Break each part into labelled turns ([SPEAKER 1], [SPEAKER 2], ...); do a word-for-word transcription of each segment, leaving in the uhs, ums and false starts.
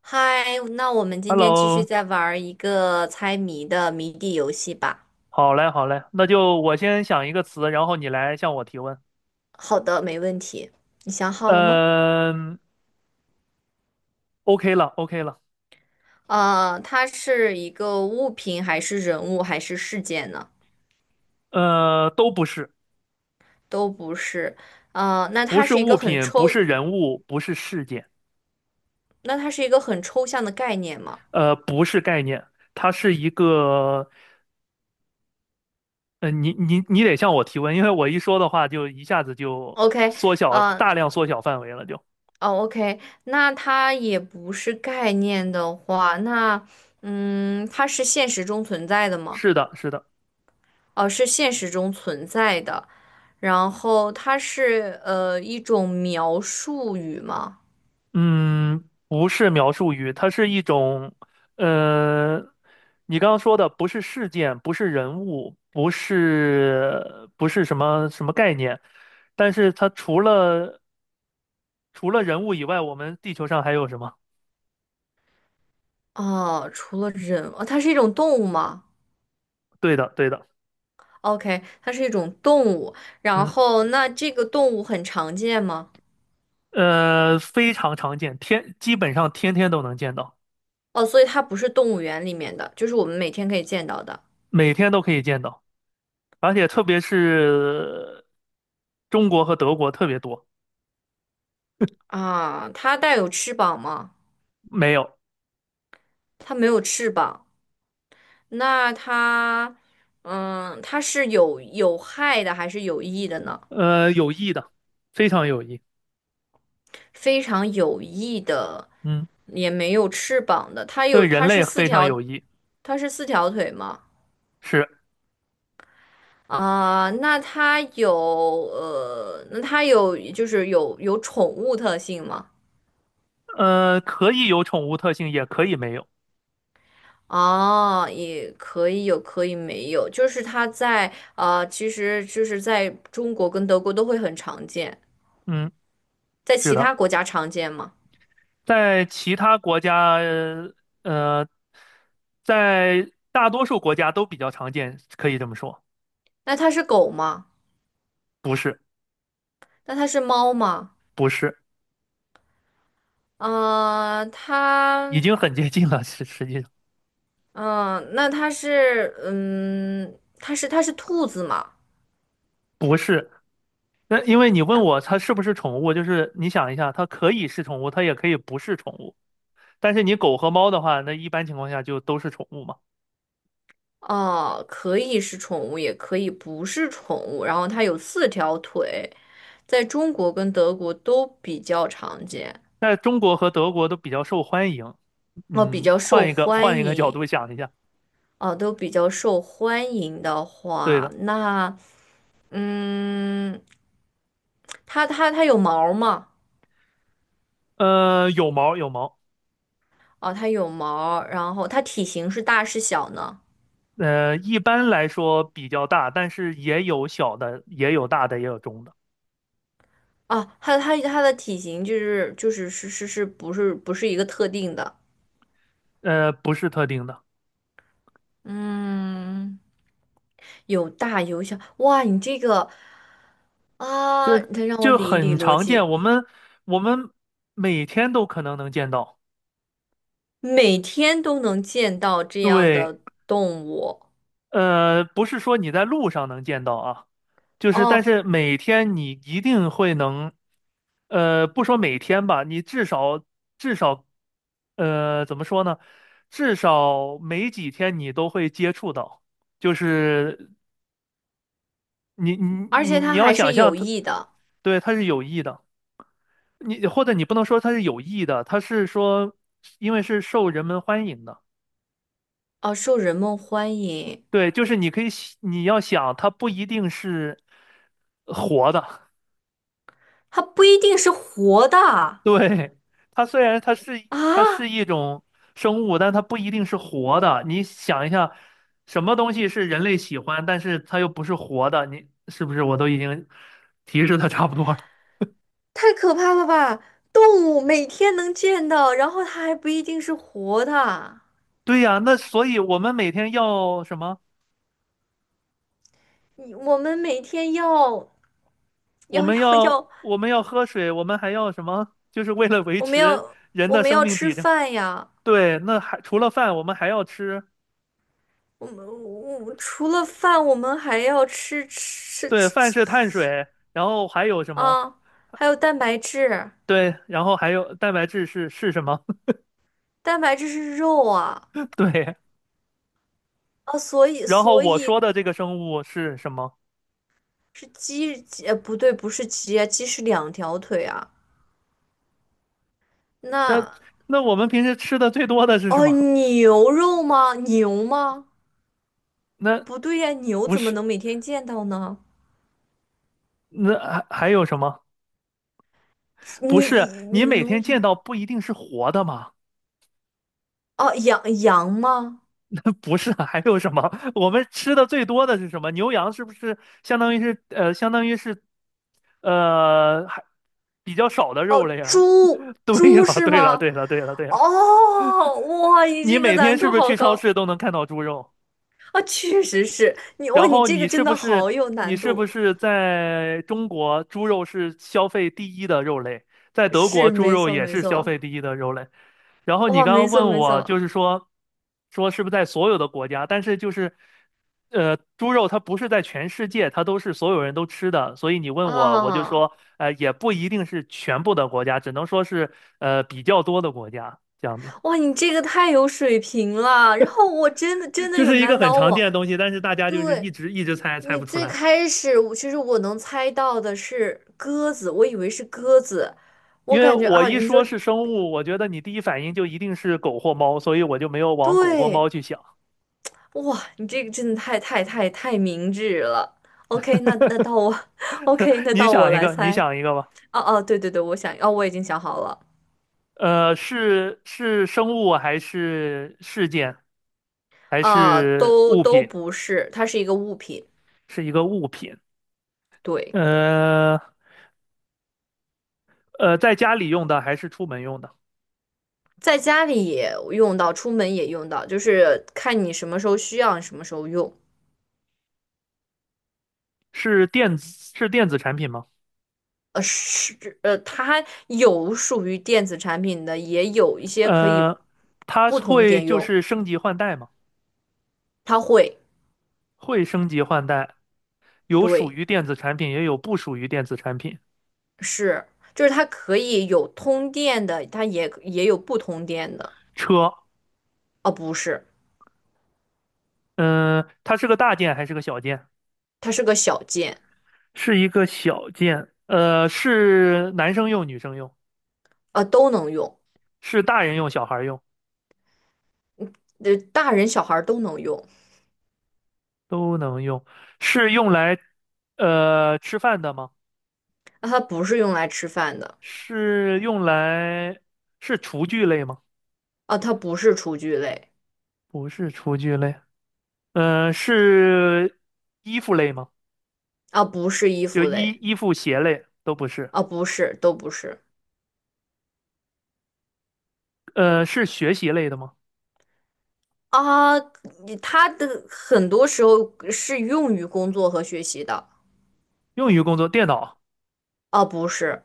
[SPEAKER 1] 嗨，那我们今天继续
[SPEAKER 2] Hello，
[SPEAKER 1] 再玩儿一个猜谜的谜底游戏吧。
[SPEAKER 2] 好嘞，好嘞，那就我先想一个词，然后你来向我提问。
[SPEAKER 1] 好的，没问题。你想好了吗？
[SPEAKER 2] 嗯，OK 了，OK 了，
[SPEAKER 1] 呃，它是一个物品，还是人物，还是事件呢？
[SPEAKER 2] 呃，都不是，
[SPEAKER 1] 都不是。呃，那
[SPEAKER 2] 不
[SPEAKER 1] 它
[SPEAKER 2] 是
[SPEAKER 1] 是一
[SPEAKER 2] 物
[SPEAKER 1] 个很
[SPEAKER 2] 品，不
[SPEAKER 1] 抽，
[SPEAKER 2] 是人物，不是事件，
[SPEAKER 1] 那它是一个很抽象的概念吗
[SPEAKER 2] 呃，不是概念，它是一个，呃，你你你得向我提问，因为我一说的话就一下子就
[SPEAKER 1] ？OK。
[SPEAKER 2] 缩小了，
[SPEAKER 1] 呃，
[SPEAKER 2] 大量缩小范围了就，
[SPEAKER 1] 哦，OK。那它也不是概念的话，那嗯，它是现实中存在的吗？
[SPEAKER 2] 是的，是的。
[SPEAKER 1] 哦，是现实中存在的。然后它是呃一种描述语吗？
[SPEAKER 2] 嗯，不是描述语，它是一种，呃，你刚刚说的不是事件，不是人物，不是不是什么什么概念，但是它除了除了人物以外，我们地球上还有什么？
[SPEAKER 1] 哦，除了人，哦，它是一种动物吗
[SPEAKER 2] 对的，对的，
[SPEAKER 1] ？OK，它是一种动物。然
[SPEAKER 2] 嗯，
[SPEAKER 1] 后那这个动物很常见吗？
[SPEAKER 2] 呃，非常常见，天基本上天天都能见到，
[SPEAKER 1] 哦，所以它不是动物园里面的，就是我们每天可以见到的
[SPEAKER 2] 每天都可以见到，而且特别是中国和德国特别多，
[SPEAKER 1] 啊。它带有翅膀吗？
[SPEAKER 2] 没有，
[SPEAKER 1] 它没有翅膀。那它，嗯，它是有有害的还是有益的呢？
[SPEAKER 2] 呃，有益的，非常有益。
[SPEAKER 1] 非常有翼的，
[SPEAKER 2] 嗯。
[SPEAKER 1] 也没有翅膀的。它有，
[SPEAKER 2] 对人
[SPEAKER 1] 它是
[SPEAKER 2] 类
[SPEAKER 1] 四
[SPEAKER 2] 非常有
[SPEAKER 1] 条，
[SPEAKER 2] 益，
[SPEAKER 1] 它是四条腿吗？
[SPEAKER 2] 是，
[SPEAKER 1] 啊、那它有呃，那它有就是有有宠物特性吗？
[SPEAKER 2] 呃，可以有宠物特性，也可以没有。
[SPEAKER 1] 哦，也可以有，可以没有，就是它在啊，其实就是在中国跟德国都会很常见，
[SPEAKER 2] 嗯，
[SPEAKER 1] 在
[SPEAKER 2] 是
[SPEAKER 1] 其
[SPEAKER 2] 的，
[SPEAKER 1] 他国家常见吗？
[SPEAKER 2] 在其他国家，呃，在大多数国家都比较常见，可以这么说。
[SPEAKER 1] 那它是狗吗？
[SPEAKER 2] 不是，
[SPEAKER 1] 那它是猫吗？
[SPEAKER 2] 不是，
[SPEAKER 1] 啊，
[SPEAKER 2] 已
[SPEAKER 1] 它。
[SPEAKER 2] 经很接近了，实实际上
[SPEAKER 1] 嗯，那它是，嗯，它是它是兔子嘛？
[SPEAKER 2] 不是。那因为你问我它是不是宠物，就是你想一下，它可以是宠物，它也可以不是宠物。但是你狗和猫的话，那一般情况下就都是宠物嘛。
[SPEAKER 1] 哦，可以是宠物，也可以不是宠物。然后它有四条腿，在中国跟德国都比较常见，
[SPEAKER 2] 在中国和德国都比较受欢迎。
[SPEAKER 1] 哦，比
[SPEAKER 2] 嗯，
[SPEAKER 1] 较受
[SPEAKER 2] 换一个换
[SPEAKER 1] 欢
[SPEAKER 2] 一个角
[SPEAKER 1] 迎，
[SPEAKER 2] 度想一下，
[SPEAKER 1] 哦，都比较受欢迎的
[SPEAKER 2] 对
[SPEAKER 1] 话，
[SPEAKER 2] 的，
[SPEAKER 1] 那，嗯，它它它有毛吗？
[SPEAKER 2] 呃，有毛有毛，
[SPEAKER 1] 哦，它有毛，然后它体型是大是小呢？
[SPEAKER 2] 呃，一般来说比较大，但是也有小的，也有大的，也有中的，
[SPEAKER 1] 啊，它它它的体型就是就是是是是不是不是一个特定的。
[SPEAKER 2] 呃，不是特定的，
[SPEAKER 1] 嗯，有大有小，哇，你这个啊，
[SPEAKER 2] 这
[SPEAKER 1] 得让我
[SPEAKER 2] 就
[SPEAKER 1] 理一理
[SPEAKER 2] 很
[SPEAKER 1] 逻
[SPEAKER 2] 常见，
[SPEAKER 1] 辑。
[SPEAKER 2] 我们我们每天都可能能见到，
[SPEAKER 1] 每天都能见到这样
[SPEAKER 2] 对，
[SPEAKER 1] 的动物
[SPEAKER 2] 呃，不是说你在路上能见到啊，就是但
[SPEAKER 1] 哦，
[SPEAKER 2] 是每天你一定会能，呃，不说每天吧，你至少至少，呃，怎么说呢？至少每几天你都会接触到，就是你你
[SPEAKER 1] 而
[SPEAKER 2] 你
[SPEAKER 1] 且
[SPEAKER 2] 你
[SPEAKER 1] 它
[SPEAKER 2] 要
[SPEAKER 1] 还
[SPEAKER 2] 想
[SPEAKER 1] 是
[SPEAKER 2] 象
[SPEAKER 1] 有
[SPEAKER 2] 它，
[SPEAKER 1] 益的
[SPEAKER 2] 对，它是有益的，你或者你不能说它是有益的，它是说因为是受人们欢迎的。
[SPEAKER 1] 哦，受人们欢迎。
[SPEAKER 2] 对，就是你可以想你要想，它不一定是活的，
[SPEAKER 1] 它不一定是活的
[SPEAKER 2] 对，它虽然它是它是
[SPEAKER 1] 啊，
[SPEAKER 2] 一种生物，但它不一定是活的。你想一下，什么东西是人类喜欢，但是它又不是活的？你是不是我都已经 提示的差不多了？
[SPEAKER 1] 太可怕了吧！动物每天能见到，然后它还不一定是活的。
[SPEAKER 2] 对呀，那所以我们每天要什么？
[SPEAKER 1] 你我们每天要
[SPEAKER 2] 我
[SPEAKER 1] 要
[SPEAKER 2] 们
[SPEAKER 1] 要
[SPEAKER 2] 要
[SPEAKER 1] 要，
[SPEAKER 2] 我们要喝水，我们还要什么？就是为了维
[SPEAKER 1] 我们
[SPEAKER 2] 持
[SPEAKER 1] 要
[SPEAKER 2] 人
[SPEAKER 1] 我
[SPEAKER 2] 的
[SPEAKER 1] 们
[SPEAKER 2] 生
[SPEAKER 1] 要
[SPEAKER 2] 命
[SPEAKER 1] 吃
[SPEAKER 2] 体征。
[SPEAKER 1] 饭呀。
[SPEAKER 2] 对，那还除了饭，我们还要吃。
[SPEAKER 1] 我们我们除了饭，我们还要吃吃
[SPEAKER 2] 对，
[SPEAKER 1] 吃
[SPEAKER 2] 饭
[SPEAKER 1] 吃
[SPEAKER 2] 是碳
[SPEAKER 1] 吃
[SPEAKER 2] 水，然后还有什么？
[SPEAKER 1] 啊，还有蛋白质，
[SPEAKER 2] 对，然后还有蛋白质是是什么？
[SPEAKER 1] 蛋白质是肉啊，
[SPEAKER 2] 对。
[SPEAKER 1] 啊，所以
[SPEAKER 2] 然后
[SPEAKER 1] 所
[SPEAKER 2] 我说
[SPEAKER 1] 以
[SPEAKER 2] 的这个生物是什么？
[SPEAKER 1] 是鸡鸡，呃不对，不是鸡啊，鸡是两条腿啊。
[SPEAKER 2] 那
[SPEAKER 1] 那
[SPEAKER 2] 那我们平时吃的最多的是什
[SPEAKER 1] 哦，
[SPEAKER 2] 么？
[SPEAKER 1] 牛肉吗？牛吗？
[SPEAKER 2] 那
[SPEAKER 1] 不对呀，牛
[SPEAKER 2] 不
[SPEAKER 1] 怎么
[SPEAKER 2] 是，
[SPEAKER 1] 能每天见到呢？
[SPEAKER 2] 那还还有什么？不是，
[SPEAKER 1] 你
[SPEAKER 2] 你每
[SPEAKER 1] 牛
[SPEAKER 2] 天
[SPEAKER 1] 羊
[SPEAKER 2] 见到不一定是活的嘛？
[SPEAKER 1] 哦，羊羊吗？
[SPEAKER 2] 那不是，还有什么？我们吃的最多的是什么？牛羊是不是相当于是呃，相当于是呃，还比较少的
[SPEAKER 1] 哦，
[SPEAKER 2] 肉类啊？
[SPEAKER 1] 猪
[SPEAKER 2] 对
[SPEAKER 1] 猪
[SPEAKER 2] 了，
[SPEAKER 1] 是
[SPEAKER 2] 对了，
[SPEAKER 1] 吗？
[SPEAKER 2] 对了，对了，对了，
[SPEAKER 1] 哦，哇，你
[SPEAKER 2] 你
[SPEAKER 1] 这个
[SPEAKER 2] 每天
[SPEAKER 1] 难
[SPEAKER 2] 是
[SPEAKER 1] 度
[SPEAKER 2] 不是
[SPEAKER 1] 好
[SPEAKER 2] 去超市
[SPEAKER 1] 高。
[SPEAKER 2] 都能看到猪肉？
[SPEAKER 1] 啊，确实是你哇，
[SPEAKER 2] 然
[SPEAKER 1] 你
[SPEAKER 2] 后
[SPEAKER 1] 这个
[SPEAKER 2] 你
[SPEAKER 1] 真
[SPEAKER 2] 是不
[SPEAKER 1] 的
[SPEAKER 2] 是
[SPEAKER 1] 好有
[SPEAKER 2] 你
[SPEAKER 1] 难
[SPEAKER 2] 是不
[SPEAKER 1] 度，
[SPEAKER 2] 是在中国猪肉是消费第一的肉类，在德国
[SPEAKER 1] 是
[SPEAKER 2] 猪
[SPEAKER 1] 没
[SPEAKER 2] 肉
[SPEAKER 1] 错
[SPEAKER 2] 也
[SPEAKER 1] 没
[SPEAKER 2] 是消
[SPEAKER 1] 错，
[SPEAKER 2] 费第一的肉类。然后你
[SPEAKER 1] 哇，
[SPEAKER 2] 刚
[SPEAKER 1] 没
[SPEAKER 2] 刚
[SPEAKER 1] 错
[SPEAKER 2] 问
[SPEAKER 1] 没
[SPEAKER 2] 我就
[SPEAKER 1] 错
[SPEAKER 2] 是说说是不是在所有的国家，但是就是呃猪肉它不是在全世界，它都是所有人都吃的，所以你问我我就
[SPEAKER 1] 啊，
[SPEAKER 2] 说呃也不一定是全部的国家，只能说是呃比较多的国家这样子，
[SPEAKER 1] 哇，你这个太有水平了，然后我真的真的
[SPEAKER 2] 就
[SPEAKER 1] 有
[SPEAKER 2] 是一个
[SPEAKER 1] 难
[SPEAKER 2] 很
[SPEAKER 1] 倒
[SPEAKER 2] 常见
[SPEAKER 1] 我。
[SPEAKER 2] 的东西，但是大家就是一
[SPEAKER 1] 对，
[SPEAKER 2] 直一直猜猜
[SPEAKER 1] 你
[SPEAKER 2] 不出
[SPEAKER 1] 最
[SPEAKER 2] 来。
[SPEAKER 1] 开始我其实我能猜到的是鸽子，我以为是鸽子，我
[SPEAKER 2] 因为
[SPEAKER 1] 感觉
[SPEAKER 2] 我
[SPEAKER 1] 啊，
[SPEAKER 2] 一
[SPEAKER 1] 你说
[SPEAKER 2] 说是生物，我觉得你第一反应就一定是狗或猫，所以我就没有往狗或猫
[SPEAKER 1] 对，
[SPEAKER 2] 去想。
[SPEAKER 1] 哇，你这个真的太太太太明智了。OK。那那到我 ，OK，那
[SPEAKER 2] 你
[SPEAKER 1] 到我
[SPEAKER 2] 想一
[SPEAKER 1] 来
[SPEAKER 2] 个，你
[SPEAKER 1] 猜。
[SPEAKER 2] 想一个吧。
[SPEAKER 1] 哦、哦、对对对，我想，哦，我已经想好了。
[SPEAKER 2] 呃，是是生物还是事件，还
[SPEAKER 1] 呃，
[SPEAKER 2] 是
[SPEAKER 1] 都
[SPEAKER 2] 物
[SPEAKER 1] 都
[SPEAKER 2] 品？
[SPEAKER 1] 不是，它是一个物品。
[SPEAKER 2] 是一个物品。
[SPEAKER 1] 对，
[SPEAKER 2] 呃呃，在家里用的还是出门用的？
[SPEAKER 1] 在家里也用到，出门也用到，就是看你什么时候需要，什么时候用。
[SPEAKER 2] 是电子是电子产品吗？
[SPEAKER 1] 呃，是，呃，它有属于电子产品的，也有一些可以
[SPEAKER 2] 呃，它
[SPEAKER 1] 不通
[SPEAKER 2] 会
[SPEAKER 1] 电
[SPEAKER 2] 就
[SPEAKER 1] 用，
[SPEAKER 2] 是升级换代吗？
[SPEAKER 1] 它会，
[SPEAKER 2] 会升级换代，有属
[SPEAKER 1] 对，
[SPEAKER 2] 于电子产品，也有不属于电子产品。
[SPEAKER 1] 是，就是它可以有通电的，它也也有不通电的，
[SPEAKER 2] 车。
[SPEAKER 1] 啊，不是，
[SPEAKER 2] 嗯，它是个大件还是个小件？
[SPEAKER 1] 它是个小件，
[SPEAKER 2] 是一个小件。呃，是男生用、女生用，
[SPEAKER 1] 啊，都能用，
[SPEAKER 2] 是大人用、小孩用
[SPEAKER 1] 呃，大人小孩儿都能用，
[SPEAKER 2] 都能用。是用来呃吃饭的吗？
[SPEAKER 1] 那它不是用来吃饭的。
[SPEAKER 2] 是用来是厨具类吗？
[SPEAKER 1] 啊，它不是厨具类，
[SPEAKER 2] 不是厨具类。呃，是衣服类吗？
[SPEAKER 1] 啊，不是衣
[SPEAKER 2] 就
[SPEAKER 1] 服
[SPEAKER 2] 衣
[SPEAKER 1] 类，
[SPEAKER 2] 衣服、鞋类都不是。
[SPEAKER 1] 啊，不是，都不是。
[SPEAKER 2] 呃，是学习类的吗？
[SPEAKER 1] 啊，你它的很多时候是用于工作和学习的，
[SPEAKER 2] 用于工作，电脑、
[SPEAKER 1] 啊，不是，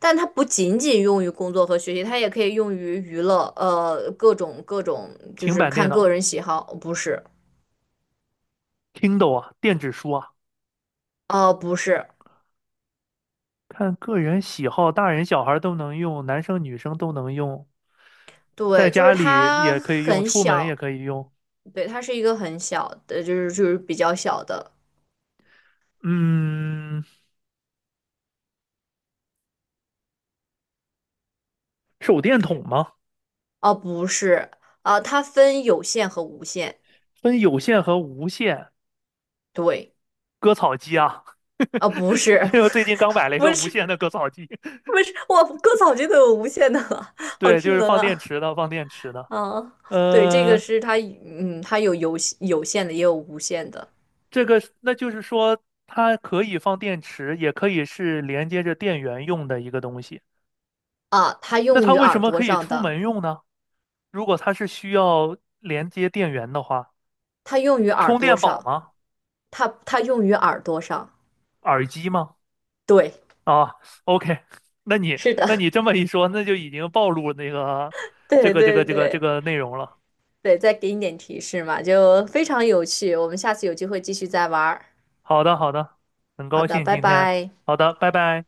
[SPEAKER 1] 但它不仅仅用于工作和学习，它也可以用于娱乐，呃，各种各种，就
[SPEAKER 2] 平
[SPEAKER 1] 是
[SPEAKER 2] 板电
[SPEAKER 1] 看个
[SPEAKER 2] 脑、
[SPEAKER 1] 人喜好，不是，
[SPEAKER 2] Kindle 啊，电子书啊。
[SPEAKER 1] 啊，不是，
[SPEAKER 2] 看个人喜好，大人小孩都能用，男生女生都能用，在
[SPEAKER 1] 对，就是
[SPEAKER 2] 家里
[SPEAKER 1] 它
[SPEAKER 2] 也可以用，
[SPEAKER 1] 很
[SPEAKER 2] 出门也
[SPEAKER 1] 小，
[SPEAKER 2] 可以用。
[SPEAKER 1] 对，它是一个很小的，就是就是比较小的，
[SPEAKER 2] 嗯，手电筒吗？
[SPEAKER 1] 啊，不是，啊，它分有线和无线，
[SPEAKER 2] 分有线和无线。
[SPEAKER 1] 对。
[SPEAKER 2] 割草机啊，
[SPEAKER 1] 啊，不
[SPEAKER 2] 因
[SPEAKER 1] 是，
[SPEAKER 2] 为我最近刚买 了一
[SPEAKER 1] 不
[SPEAKER 2] 个无
[SPEAKER 1] 是，
[SPEAKER 2] 线的割草机，
[SPEAKER 1] 不是，我割草机都有无线的了，好
[SPEAKER 2] 对，就
[SPEAKER 1] 智
[SPEAKER 2] 是
[SPEAKER 1] 能
[SPEAKER 2] 放电
[SPEAKER 1] 啊！
[SPEAKER 2] 池的，放电池的。
[SPEAKER 1] 啊，对，这个
[SPEAKER 2] 呃，
[SPEAKER 1] 是它，嗯，它有有有线的，也有无线的
[SPEAKER 2] 这个是那就是说，它可以放电池，也可以是连接着电源用的一个东西。
[SPEAKER 1] 啊。它
[SPEAKER 2] 那
[SPEAKER 1] 用
[SPEAKER 2] 它
[SPEAKER 1] 于
[SPEAKER 2] 为什
[SPEAKER 1] 耳
[SPEAKER 2] 么
[SPEAKER 1] 朵
[SPEAKER 2] 可以
[SPEAKER 1] 上
[SPEAKER 2] 出
[SPEAKER 1] 的，
[SPEAKER 2] 门用呢？如果它是需要连接电源的话，
[SPEAKER 1] 它用于耳
[SPEAKER 2] 充
[SPEAKER 1] 朵
[SPEAKER 2] 电宝
[SPEAKER 1] 上，
[SPEAKER 2] 吗？
[SPEAKER 1] 它它用于耳朵上。
[SPEAKER 2] 耳机吗？
[SPEAKER 1] 对，
[SPEAKER 2] 啊，OK，那你
[SPEAKER 1] 是
[SPEAKER 2] 那
[SPEAKER 1] 的，
[SPEAKER 2] 你这么一说，那就已经暴露那个 这
[SPEAKER 1] 对
[SPEAKER 2] 个这
[SPEAKER 1] 对
[SPEAKER 2] 个这个这
[SPEAKER 1] 对
[SPEAKER 2] 个内容了。
[SPEAKER 1] 对，再给你点提示嘛，就非常有趣。我们下次有机会继续再玩儿。
[SPEAKER 2] 好的，好的，很
[SPEAKER 1] 好
[SPEAKER 2] 高
[SPEAKER 1] 的，
[SPEAKER 2] 兴
[SPEAKER 1] 拜
[SPEAKER 2] 今天，
[SPEAKER 1] 拜。
[SPEAKER 2] 好的，拜拜。